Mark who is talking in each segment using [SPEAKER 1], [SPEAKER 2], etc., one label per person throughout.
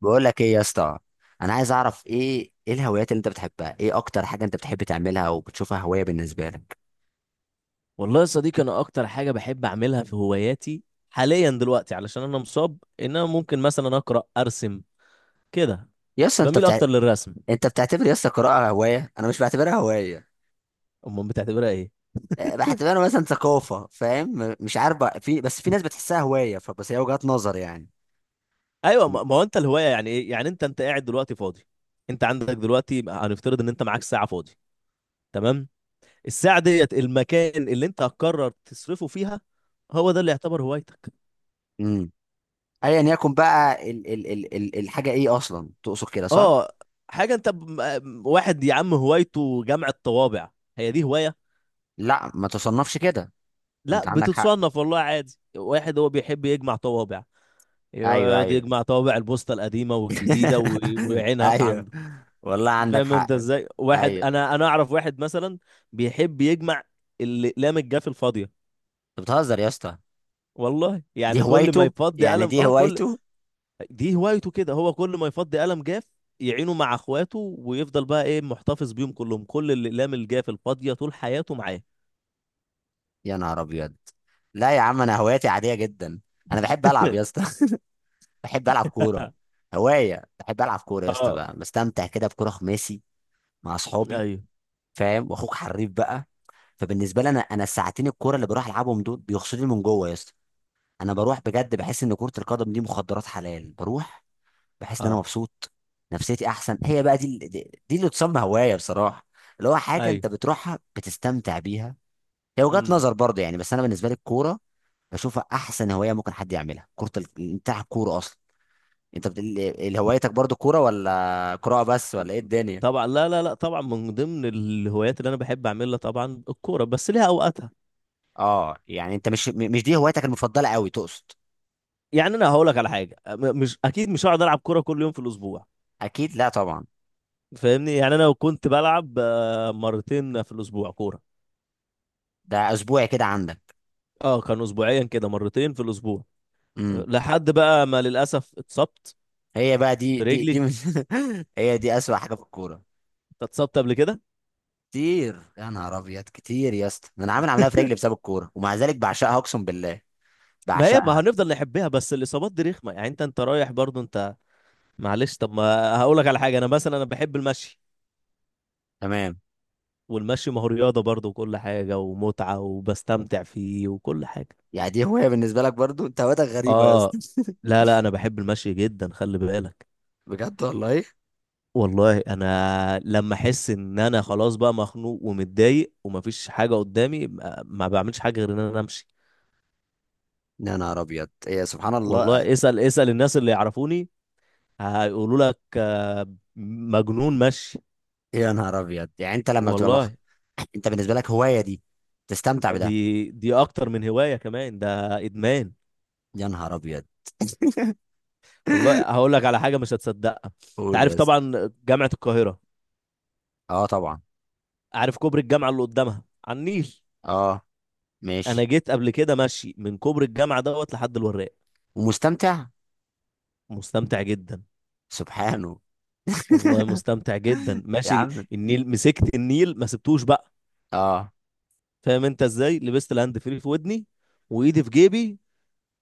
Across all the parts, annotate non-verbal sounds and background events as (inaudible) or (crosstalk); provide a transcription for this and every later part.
[SPEAKER 1] بقول لك ايه يا اسطى؟ انا عايز اعرف ايه الهوايات اللي انت بتحبها، ايه اكتر حاجه انت بتحب تعملها وبتشوفها هوايه بالنسبه لك؟
[SPEAKER 2] والله يا صديقي، انا اكتر حاجه بحب اعملها في هواياتي حاليا دلوقتي، علشان انا مصاب، ان انا ممكن مثلا اقرا ارسم كده.
[SPEAKER 1] يا اسطى
[SPEAKER 2] بميل اكتر للرسم.
[SPEAKER 1] انت بتعتبر يا اسطى القراءه هوايه؟ انا مش بعتبرها هوايه.
[SPEAKER 2] امال بتعتبرها ايه؟
[SPEAKER 1] أه، بعتبرها مثلا ثقافه، فاهم، مش عارف بقى، في، بس في ناس بتحسها هوايه، فبس هي وجهات نظر يعني.
[SPEAKER 2] ايوه، ما هو انت الهوايه يعني ايه؟ يعني انت قاعد دلوقتي فاضي، انت عندك دلوقتي، هنفترض ان انت معاك ساعه فاضي، تمام، الساعه ديت المكان اللي انت هتقرر تصرفه فيها، هو ده اللي يعتبر هوايتك؟
[SPEAKER 1] امم. ايا يكن بقى الحاجه، ايه اصلا تقصد كده صح؟
[SPEAKER 2] اه، حاجه واحد يا عم هوايته جمع الطوابع، هي دي هوايه.
[SPEAKER 1] لا ما تصنفش كده.
[SPEAKER 2] لا،
[SPEAKER 1] انت عندك حق.
[SPEAKER 2] بتتصنف والله، عادي، واحد هو بيحب يجمع طوابع،
[SPEAKER 1] ايوه،
[SPEAKER 2] يقعد
[SPEAKER 1] ايوه.
[SPEAKER 2] يجمع طوابع البوسطة القديمة والجديدة
[SPEAKER 1] (laughs)
[SPEAKER 2] ويعينها في
[SPEAKER 1] ايوه.
[SPEAKER 2] عنده.
[SPEAKER 1] والله عندك
[SPEAKER 2] فاهم انت
[SPEAKER 1] حق.
[SPEAKER 2] ازاي؟ واحد
[SPEAKER 1] ايوه.
[SPEAKER 2] انا اعرف واحد مثلا بيحب يجمع الاقلام الجاف الفاضية،
[SPEAKER 1] انت بتهزر يا اسطى،
[SPEAKER 2] والله،
[SPEAKER 1] دي
[SPEAKER 2] يعني كل ما
[SPEAKER 1] هوايته
[SPEAKER 2] يفضي
[SPEAKER 1] يعني،
[SPEAKER 2] قلم،
[SPEAKER 1] دي
[SPEAKER 2] اه، كل.
[SPEAKER 1] هوايته.
[SPEAKER 2] دي هوايته كده، هو كل ما يفضي قلم جاف يعينه مع اخواته، ويفضل بقى ايه؟ محتفظ بيهم كلهم، كل الاقلام الجاف الفاضية طول حياته معاه.
[SPEAKER 1] يا نهار ابيض. لا يا عم، انا هواياتي عاديه جدا. انا بحب العب يا
[SPEAKER 2] (laughs)
[SPEAKER 1] اسطى. (laughs) بحب العب كوره. هوايه، بحب العب كوره يا اسطى
[SPEAKER 2] اه.
[SPEAKER 1] بقى، بستمتع كده بكوره خماسي مع اصحابي.
[SPEAKER 2] ايوه.
[SPEAKER 1] فاهم؟ واخوك حريف بقى. فبالنسبه لي انا الساعتين الكوره اللي بروح العبهم دول بيغسلوني من جوه يا اسطى. انا بروح بجد، بحس ان كره القدم دي مخدرات حلال. بروح بحس ان انا
[SPEAKER 2] اه.
[SPEAKER 1] مبسوط، نفسيتي احسن. هي بقى دي اللي تسمى هوايه بصراحه، اللي هو حاجه انت بتروحها بتستمتع بيها. هي وجهات
[SPEAKER 2] ايوه.
[SPEAKER 1] نظر برضه يعني، بس انا بالنسبه لي الكوره بشوفها احسن هوايه ممكن حد يعملها. كره بتاع الكوره اصلا. هوايتك برضه كوره ولا قراءه بس ولا ايه الدنيا؟
[SPEAKER 2] طبعا، لا لا لا، طبعا من ضمن الهوايات اللي انا بحب اعملها طبعا الكوره، بس ليها اوقاتها.
[SPEAKER 1] اه يعني انت مش مش دي هوايتك المفضله قوي تقصد؟
[SPEAKER 2] يعني انا هقول لك على حاجه، مش اكيد مش هقعد العب كوره كل يوم في الاسبوع،
[SPEAKER 1] اكيد لا طبعا.
[SPEAKER 2] فاهمني؟ يعني انا لو كنت بلعب مرتين في الاسبوع كوره.
[SPEAKER 1] ده اسبوعي كده عندك.
[SPEAKER 2] اه، كان اسبوعيا كده مرتين في الاسبوع،
[SPEAKER 1] امم.
[SPEAKER 2] لحد بقى ما للاسف اتصبت
[SPEAKER 1] هي بقى
[SPEAKER 2] في رجلي.
[SPEAKER 1] (laughs) هي دي اسوأ حاجه في الكوره.
[SPEAKER 2] انت اتصبت قبل كده؟
[SPEAKER 1] كتير، يا نهار ابيض كتير يا اسطى، ده انا عامل عمليه في رجلي بسبب الكوره، ومع ذلك بعشقها اقسم بالله.
[SPEAKER 2] ما هي، ما
[SPEAKER 1] بعشقها.
[SPEAKER 2] هنفضل نحبها، بس الاصابات دي رخمه، يعني انت رايح برضو انت. معلش، طب، ما هقول لك على حاجه، انا مثلا انا بحب المشي،
[SPEAKER 1] تمام.
[SPEAKER 2] والمشي ما هو رياضة برضه وكل حاجة ومتعة، وبستمتع فيه وكل حاجة.
[SPEAKER 1] يعني دي هوايه بالنسبه لك؟ برضو انت هوايتك غريبه يا اسطى.
[SPEAKER 2] اه. لا لا، انا بحب المشي جدا، خلي بالك.
[SPEAKER 1] بجد والله؟ ايه؟
[SPEAKER 2] والله انا لما احس ان انا خلاص بقى مخنوق ومتضايق ومفيش حاجة قدامي، ما بعملش حاجة غير ان انا امشي.
[SPEAKER 1] يا نهار ابيض. إيه؟ سبحان الله.
[SPEAKER 2] والله، اسأل اسأل الناس اللي يعرفوني، هيقولوا لك مجنون مشي.
[SPEAKER 1] يا نهار ابيض. يعني انت لما
[SPEAKER 2] والله
[SPEAKER 1] انت بالنسبه لك هوايه دي، تستمتع
[SPEAKER 2] دي
[SPEAKER 1] بده؟
[SPEAKER 2] دي اكتر من هواية، كمان ده ادمان.
[SPEAKER 1] يا نهار ابيض.
[SPEAKER 2] والله
[SPEAKER 1] (laughs)
[SPEAKER 2] هقول لك على حاجة مش هتصدقها. انت
[SPEAKER 1] قول
[SPEAKER 2] عارف
[SPEAKER 1] يا اسطى.
[SPEAKER 2] طبعا جامعة القاهرة؟
[SPEAKER 1] اه طبعا.
[SPEAKER 2] اعرف كوبري الجامعه اللي قدامها على النيل؟
[SPEAKER 1] اه
[SPEAKER 2] انا
[SPEAKER 1] ماشي.
[SPEAKER 2] جيت قبل كده ماشي من كوبري الجامعه دوت لحد الوراق.
[SPEAKER 1] ومستمتع.
[SPEAKER 2] مستمتع جدا.
[SPEAKER 1] سبحانه.
[SPEAKER 2] والله مستمتع جدا
[SPEAKER 1] يا
[SPEAKER 2] ماشي
[SPEAKER 1] عم.
[SPEAKER 2] النيل، مسكت النيل ما سبتوش بقى.
[SPEAKER 1] اه.
[SPEAKER 2] فاهم انت ازاي؟ لبست الهاند فري في ودني وايدي في جيبي،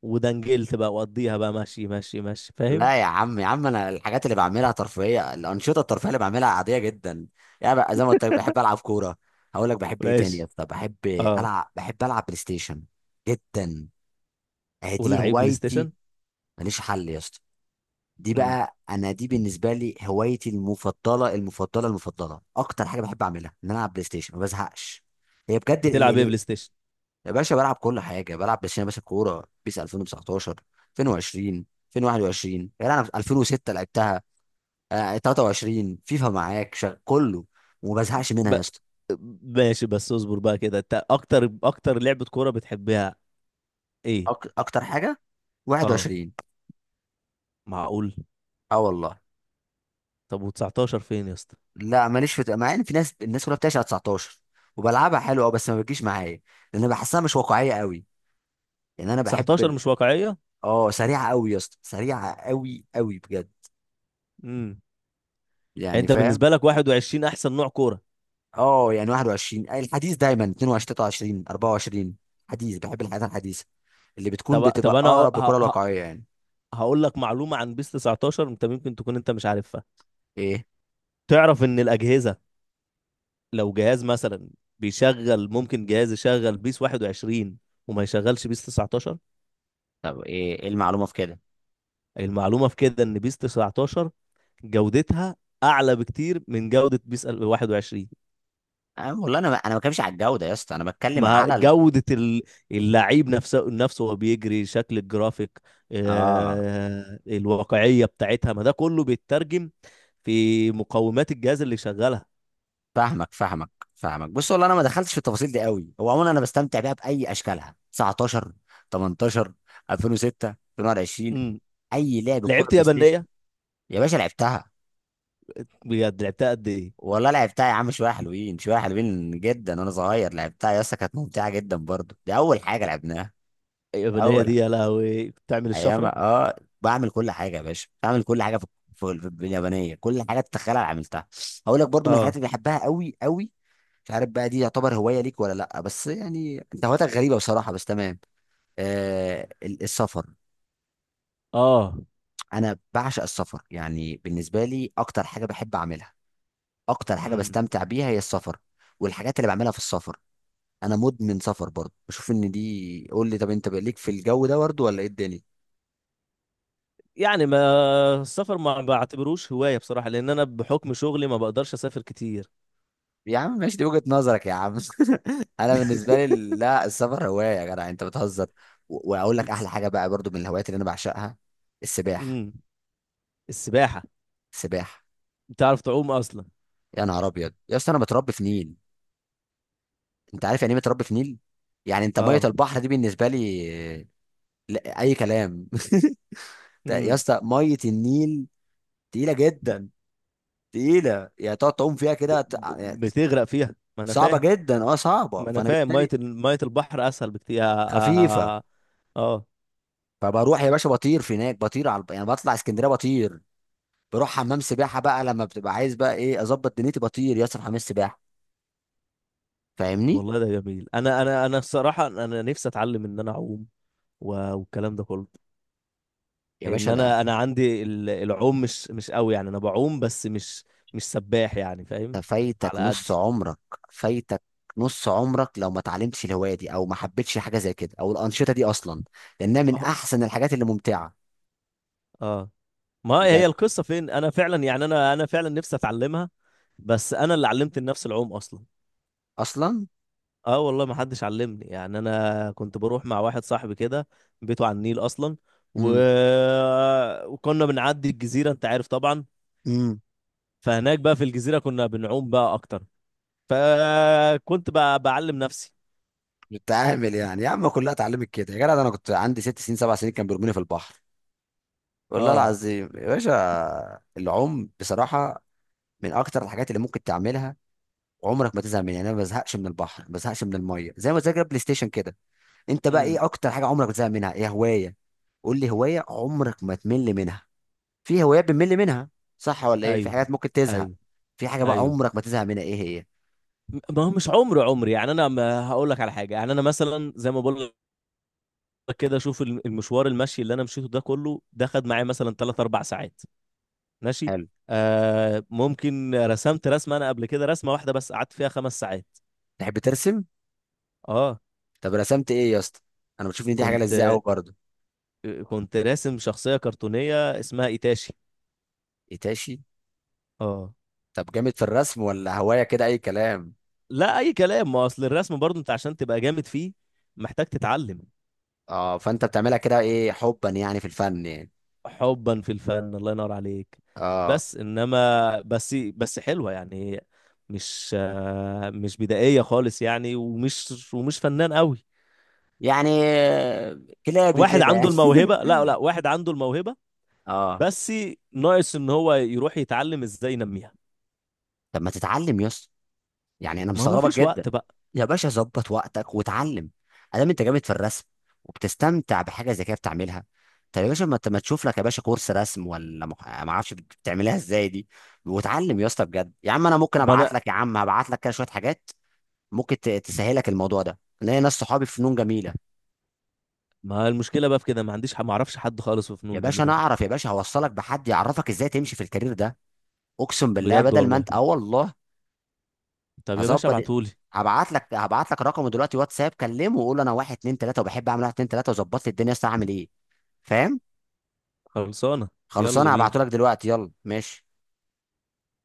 [SPEAKER 2] ودنجلت بقى وقضيها بقى ماشي ماشي ماشي، فاهم؟
[SPEAKER 1] لا يا عم، يا عم انا الحاجات اللي بعملها ترفيهيه، الانشطه الترفيهيه اللي بعملها عاديه جدا. يعني بقى زي ما قلت لك، بحب العب كوره. هقول لك بحب ايه تاني يا
[SPEAKER 2] ماشي.
[SPEAKER 1] اسطى، بحب
[SPEAKER 2] اه.
[SPEAKER 1] العب بحب العب بلاي ستيشن جدا. آه، دي
[SPEAKER 2] ولعيب بلاي
[SPEAKER 1] هوايتي.
[SPEAKER 2] ستيشن.
[SPEAKER 1] ماليش حل يا اسطى. دي
[SPEAKER 2] مم.
[SPEAKER 1] بقى انا، دي بالنسبه لي هوايتي المفضله المفضله، اكتر حاجه بحب اعملها ان انا العب بلاي ستيشن. ما بزهقش. هي بجد ال
[SPEAKER 2] بتلعب ايه
[SPEAKER 1] ال
[SPEAKER 2] بلاي ستيشن؟
[SPEAKER 1] يا باشا بلعب كل حاجه، بلعب بلاي ستيشن يا باشا، كوره بيس 2019 2020 2021. يعني انا في 2006 لعبتها. آه، 23 فيفا معاك كله. وما بزهقش منها
[SPEAKER 2] ب...
[SPEAKER 1] يا اسطى.
[SPEAKER 2] ماشي، بس اصبر بقى كده، انت اكتر اكتر لعبة كورة بتحبها ايه؟
[SPEAKER 1] اكتر حاجه
[SPEAKER 2] اه،
[SPEAKER 1] 21.
[SPEAKER 2] معقول.
[SPEAKER 1] اه والله.
[SPEAKER 2] طب و19 فين يا اسطى؟
[SPEAKER 1] لا ماليش في، مع ان في ناس، الناس كلها بتعشق 19، وبلعبها حلو اه، بس ما بتجيش معايا لان بحسها مش واقعيه قوي. يعني انا
[SPEAKER 2] 19
[SPEAKER 1] بحب.
[SPEAKER 2] مش واقعية؟
[SPEAKER 1] اه سريعه قوي يا اسطى، سريعه قوي قوي بجد.
[SPEAKER 2] امم يعني
[SPEAKER 1] يعني
[SPEAKER 2] انت
[SPEAKER 1] فاهم.
[SPEAKER 2] بالنسبة لك 21 احسن نوع كورة؟
[SPEAKER 1] اه يعني 21 الحديث دايما، 22 23 24، حديث. بحب الحاجات الحديثه اللي بتكون
[SPEAKER 2] طب
[SPEAKER 1] بتبقى
[SPEAKER 2] انا
[SPEAKER 1] اقرب للكره الواقعيه يعني.
[SPEAKER 2] هقول لك معلومة عن بيس 19، انت ممكن تكون انت مش عارفها.
[SPEAKER 1] ايه؟
[SPEAKER 2] تعرف ان الاجهزة، لو جهاز مثلا بيشغل، ممكن جهاز يشغل بيس 21 وما يشغلش بيس 19.
[SPEAKER 1] طب ايه ايه المعلومه في كده؟
[SPEAKER 2] المعلومة في كده ان بيس 19 جودتها اعلى بكتير من جودة بيس 21.
[SPEAKER 1] أنا والله انا ما بتكلمش على الجوده يا اسطى، انا بتكلم
[SPEAKER 2] ما
[SPEAKER 1] على
[SPEAKER 2] جودة اللعيب نفسه نفسه، وهو بيجري شكل الجرافيك،
[SPEAKER 1] اه
[SPEAKER 2] الواقعية بتاعتها، ما ده كله بيترجم في مقومات الجهاز اللي شغالها.
[SPEAKER 1] فاهمك فاهمك. بص والله انا ما دخلتش في التفاصيل دي قوي، هو عموما انا بستمتع بيها باي اشكالها، 19 18 2006 2020.
[SPEAKER 2] امم
[SPEAKER 1] اي لعب كوره
[SPEAKER 2] لعبت
[SPEAKER 1] بلاي ستيشن.
[SPEAKER 2] يابانية؟
[SPEAKER 1] يا باشا لعبتها.
[SPEAKER 2] بجد لعبتها قد ايه؟
[SPEAKER 1] والله لعبتها يا عم، شويه حلوين، شويه حلوين جدا. وانا صغير لعبتها يا اسطى، كانت ممتعه جدا برضو، دي اول حاجه لعبناها.
[SPEAKER 2] اليابانية
[SPEAKER 1] اول
[SPEAKER 2] دي يا لهوي بتعمل
[SPEAKER 1] ايام
[SPEAKER 2] الشفرة.
[SPEAKER 1] اه. بعمل كل حاجه يا باشا، بعمل كل حاجه في اليابانيه، كل حاجه تتخيلها أنا عملتها. هقول لك برضو من الحاجات
[SPEAKER 2] اه.
[SPEAKER 1] اللي بحبها قوي قوي، مش عارف بقى دي يعتبر هوايه ليك ولا لا، بس يعني انت هوايتك غريبه بصراحه، بس تمام. آه السفر.
[SPEAKER 2] اه.
[SPEAKER 1] انا بعشق السفر. يعني بالنسبه لي اكتر حاجه بحب اعملها، اكتر حاجه
[SPEAKER 2] امم
[SPEAKER 1] بستمتع بيها هي السفر، والحاجات اللي بعملها في السفر. انا مدمن سفر برضه، بشوف ان دي، قول لي طب، انت بقى ليك في الجو ده برضه ولا ايه الدنيا؟
[SPEAKER 2] يعني، ما السفر ما بعتبروش هواية بصراحة، لأن أنا بحكم شغلي ما بقدرش أسافر كتير.
[SPEAKER 1] يا عم ماشي، دي وجهة نظرك يا عم. (laughs) انا بالنسبه لي لا، السفر هوايه يا جدع، انت بتهزر. واقول لك احلى حاجه بقى برضه من الهوايات اللي انا بعشقها، السباحه.
[SPEAKER 2] امم السباحة.
[SPEAKER 1] السباحه.
[SPEAKER 2] بتعرف تعوم أصلا؟
[SPEAKER 1] يا نهار ابيض يا اسطى، انا متربي في نيل. انت عارف يعني ايه متربي في نيل؟ يعني انت ميه
[SPEAKER 2] اه.
[SPEAKER 1] البحر دي بالنسبه لي لا، اي كلام. (laughs) يا
[SPEAKER 2] امم
[SPEAKER 1] اسطى ميه النيل تقيله جدا، تقيله، يعني تقعد تعوم فيها كده
[SPEAKER 2] بتغرق فيها، ما انا
[SPEAKER 1] صعبه
[SPEAKER 2] فاهم.
[SPEAKER 1] جدا، اه صعبه،
[SPEAKER 2] ما انا
[SPEAKER 1] فانا
[SPEAKER 2] فاهم، ميه
[SPEAKER 1] بالتالي.
[SPEAKER 2] ميه البحر اسهل بكتير. اه,
[SPEAKER 1] خفيفه.
[SPEAKER 2] آه.
[SPEAKER 1] فبروح يا باشا بطير في هناك، بطير على يعني، بطلع اسكندريه بطير، بروح حمام سباحه بقى لما بتبقى عايز بقى ايه، اظبط دنيتي، بطير ياسر حمام سباحه. فاهمني؟
[SPEAKER 2] والله ده جميل. انا الصراحه، انا نفسي اتعلم ان انا اعوم والكلام ده كله،
[SPEAKER 1] يا باشا
[SPEAKER 2] ان
[SPEAKER 1] ده،
[SPEAKER 2] انا عندي العوم مش قوي، يعني انا بعوم، بس مش سباح، يعني
[SPEAKER 1] ده
[SPEAKER 2] فاهم؟
[SPEAKER 1] فايتك
[SPEAKER 2] على
[SPEAKER 1] نص
[SPEAKER 2] قدي.
[SPEAKER 1] عمرك. فايتك نص عمرك لو ما اتعلمتش الهوايه دي، او ما حبيتش حاجه زي كده، او الانشطه دي اصلا، لانها من
[SPEAKER 2] اه.
[SPEAKER 1] احسن الحاجات اللي ممتعه
[SPEAKER 2] آه. ما هي
[SPEAKER 1] بجد.
[SPEAKER 2] القصه فين؟ انا فعلا، يعني انا فعلا نفسي اتعلمها، بس انا اللي علمت النفس العوم اصلا.
[SPEAKER 1] اصلا.
[SPEAKER 2] اه والله، ما حدش علمني، يعني انا كنت بروح مع واحد صاحبي كده بيته على النيل اصلا و...
[SPEAKER 1] امم.
[SPEAKER 2] وكنا بنعدي الجزيره، انت عارف طبعا.
[SPEAKER 1] امم.
[SPEAKER 2] فهناك بقى في الجزيره كنا بنعوم بقى اكتر، فكنت بقى بعلم نفسي.
[SPEAKER 1] بتعامل يعني يا عم، كلها اتعلمت كده يا جدع، ده انا كنت عندي ست سنين سبع سنين كان بيرموني في البحر. والله
[SPEAKER 2] اه.
[SPEAKER 1] العظيم يا باشا، العوم بصراحة من أكتر الحاجات اللي ممكن تعملها وعمرك ما تزهق منها. يعني أنا ما بزهقش من البحر، ما بزهقش من المية، زي ما تذاكر بلاي ستيشن كده. أنت بقى
[SPEAKER 2] امم
[SPEAKER 1] إيه أكتر حاجة عمرك ما تزهق منها؟ إيه هواية؟ قول لي هواية عمرك ما تمل منها. في هوايات بنمل منها صح ولا إيه؟ في
[SPEAKER 2] ايوه.
[SPEAKER 1] حاجات ممكن تزهق؟
[SPEAKER 2] ايوه.
[SPEAKER 1] في حاجة بقى
[SPEAKER 2] ايوه.
[SPEAKER 1] عمرك ما تزهق منها إيه هي؟
[SPEAKER 2] ما هو مش عمري عمري، يعني انا ما هقول لك على حاجه، يعني انا مثلا زي ما بقول لك كده، شوف المشوار، المشي اللي انا مشيته ده كله، ده خد معايا مثلا 3 4 ساعات، ماشي،
[SPEAKER 1] حلو.
[SPEAKER 2] ممكن رسمت رسمة أنا قبل كده، رسمة واحدة بس قعدت فيها 5 ساعات.
[SPEAKER 1] تحب ترسم؟
[SPEAKER 2] اه،
[SPEAKER 1] طب رسمت إيه يا اسطى؟ أنا بشوف إن دي حاجة
[SPEAKER 2] كنت
[SPEAKER 1] لذيذة أوي برضه.
[SPEAKER 2] كنت راسم شخصية كرتونية اسمها إيتاشي.
[SPEAKER 1] إيتاشي.
[SPEAKER 2] اه.
[SPEAKER 1] طب جامد في الرسم ولا هواية كده أي كلام؟
[SPEAKER 2] لا أي كلام. ما أصل الرسم برضو، أنت عشان تبقى جامد فيه محتاج تتعلم.
[SPEAKER 1] اه فانت بتعملها كده ايه، حبا يعني في الفن يعني.
[SPEAKER 2] حبا في الفن، الله ينور عليك.
[SPEAKER 1] اه
[SPEAKER 2] بس إنما بس، حلوة يعني، مش مش بدائية خالص، يعني، ومش فنان قوي.
[SPEAKER 1] يعني كلابي
[SPEAKER 2] واحد
[SPEAKER 1] كده
[SPEAKER 2] عنده
[SPEAKER 1] يعني.
[SPEAKER 2] الموهبة،
[SPEAKER 1] (laughs)
[SPEAKER 2] لا لا، واحد عنده الموهبة،
[SPEAKER 1] اه.
[SPEAKER 2] بس ناقص ان هو يروح يتعلم ازاي ينميها.
[SPEAKER 1] طب ما تتعلم يا اسطى؟ يعني انا
[SPEAKER 2] ما هو ما
[SPEAKER 1] مستغربك
[SPEAKER 2] فيش وقت
[SPEAKER 1] جدا.
[SPEAKER 2] بقى.
[SPEAKER 1] يا باشا ظبط وقتك واتعلم. ادام انت جامد في الرسم وبتستمتع بحاجه زي كده بتعملها، طب يا باشا ما تشوف لك يا باشا كورس رسم، ولا ما اعرفش بتعملها ازاي دي. واتعلم يا اسطى بجد يا عم. انا ممكن
[SPEAKER 2] ما
[SPEAKER 1] ابعت
[SPEAKER 2] انا
[SPEAKER 1] لك يا عم، هبعت لك كده شويه حاجات ممكن تسهلك الموضوع ده، لان ناس صحابي في فنون جميله.
[SPEAKER 2] ما المشكله بقى في كده، ما عنديش، ما اعرفش حد خالص في
[SPEAKER 1] يا
[SPEAKER 2] فنون
[SPEAKER 1] باشا
[SPEAKER 2] جميله
[SPEAKER 1] انا
[SPEAKER 2] دي.
[SPEAKER 1] اعرف، يا باشا هوصلك بحد يعرفك ازاي تمشي في الكارير ده، اقسم بالله،
[SPEAKER 2] بجد
[SPEAKER 1] بدل ما
[SPEAKER 2] والله.
[SPEAKER 1] انت اه والله.
[SPEAKER 2] طب يا باشا
[SPEAKER 1] هظبط،
[SPEAKER 2] ابعتولي.
[SPEAKER 1] هبعت لك رقمه دلوقتي واتساب، كلمه وقول له انا واحد اتنين تلاته وبحب اعمل واحد اتنين تلاته، وظبط لي الدنيا. يا اسطى اعمل ايه؟ فاهم؟
[SPEAKER 2] خلصانه. يلا
[SPEAKER 1] خلصانه. هبعته لك
[SPEAKER 2] بينا.
[SPEAKER 1] دلوقتي. يلا ماشي.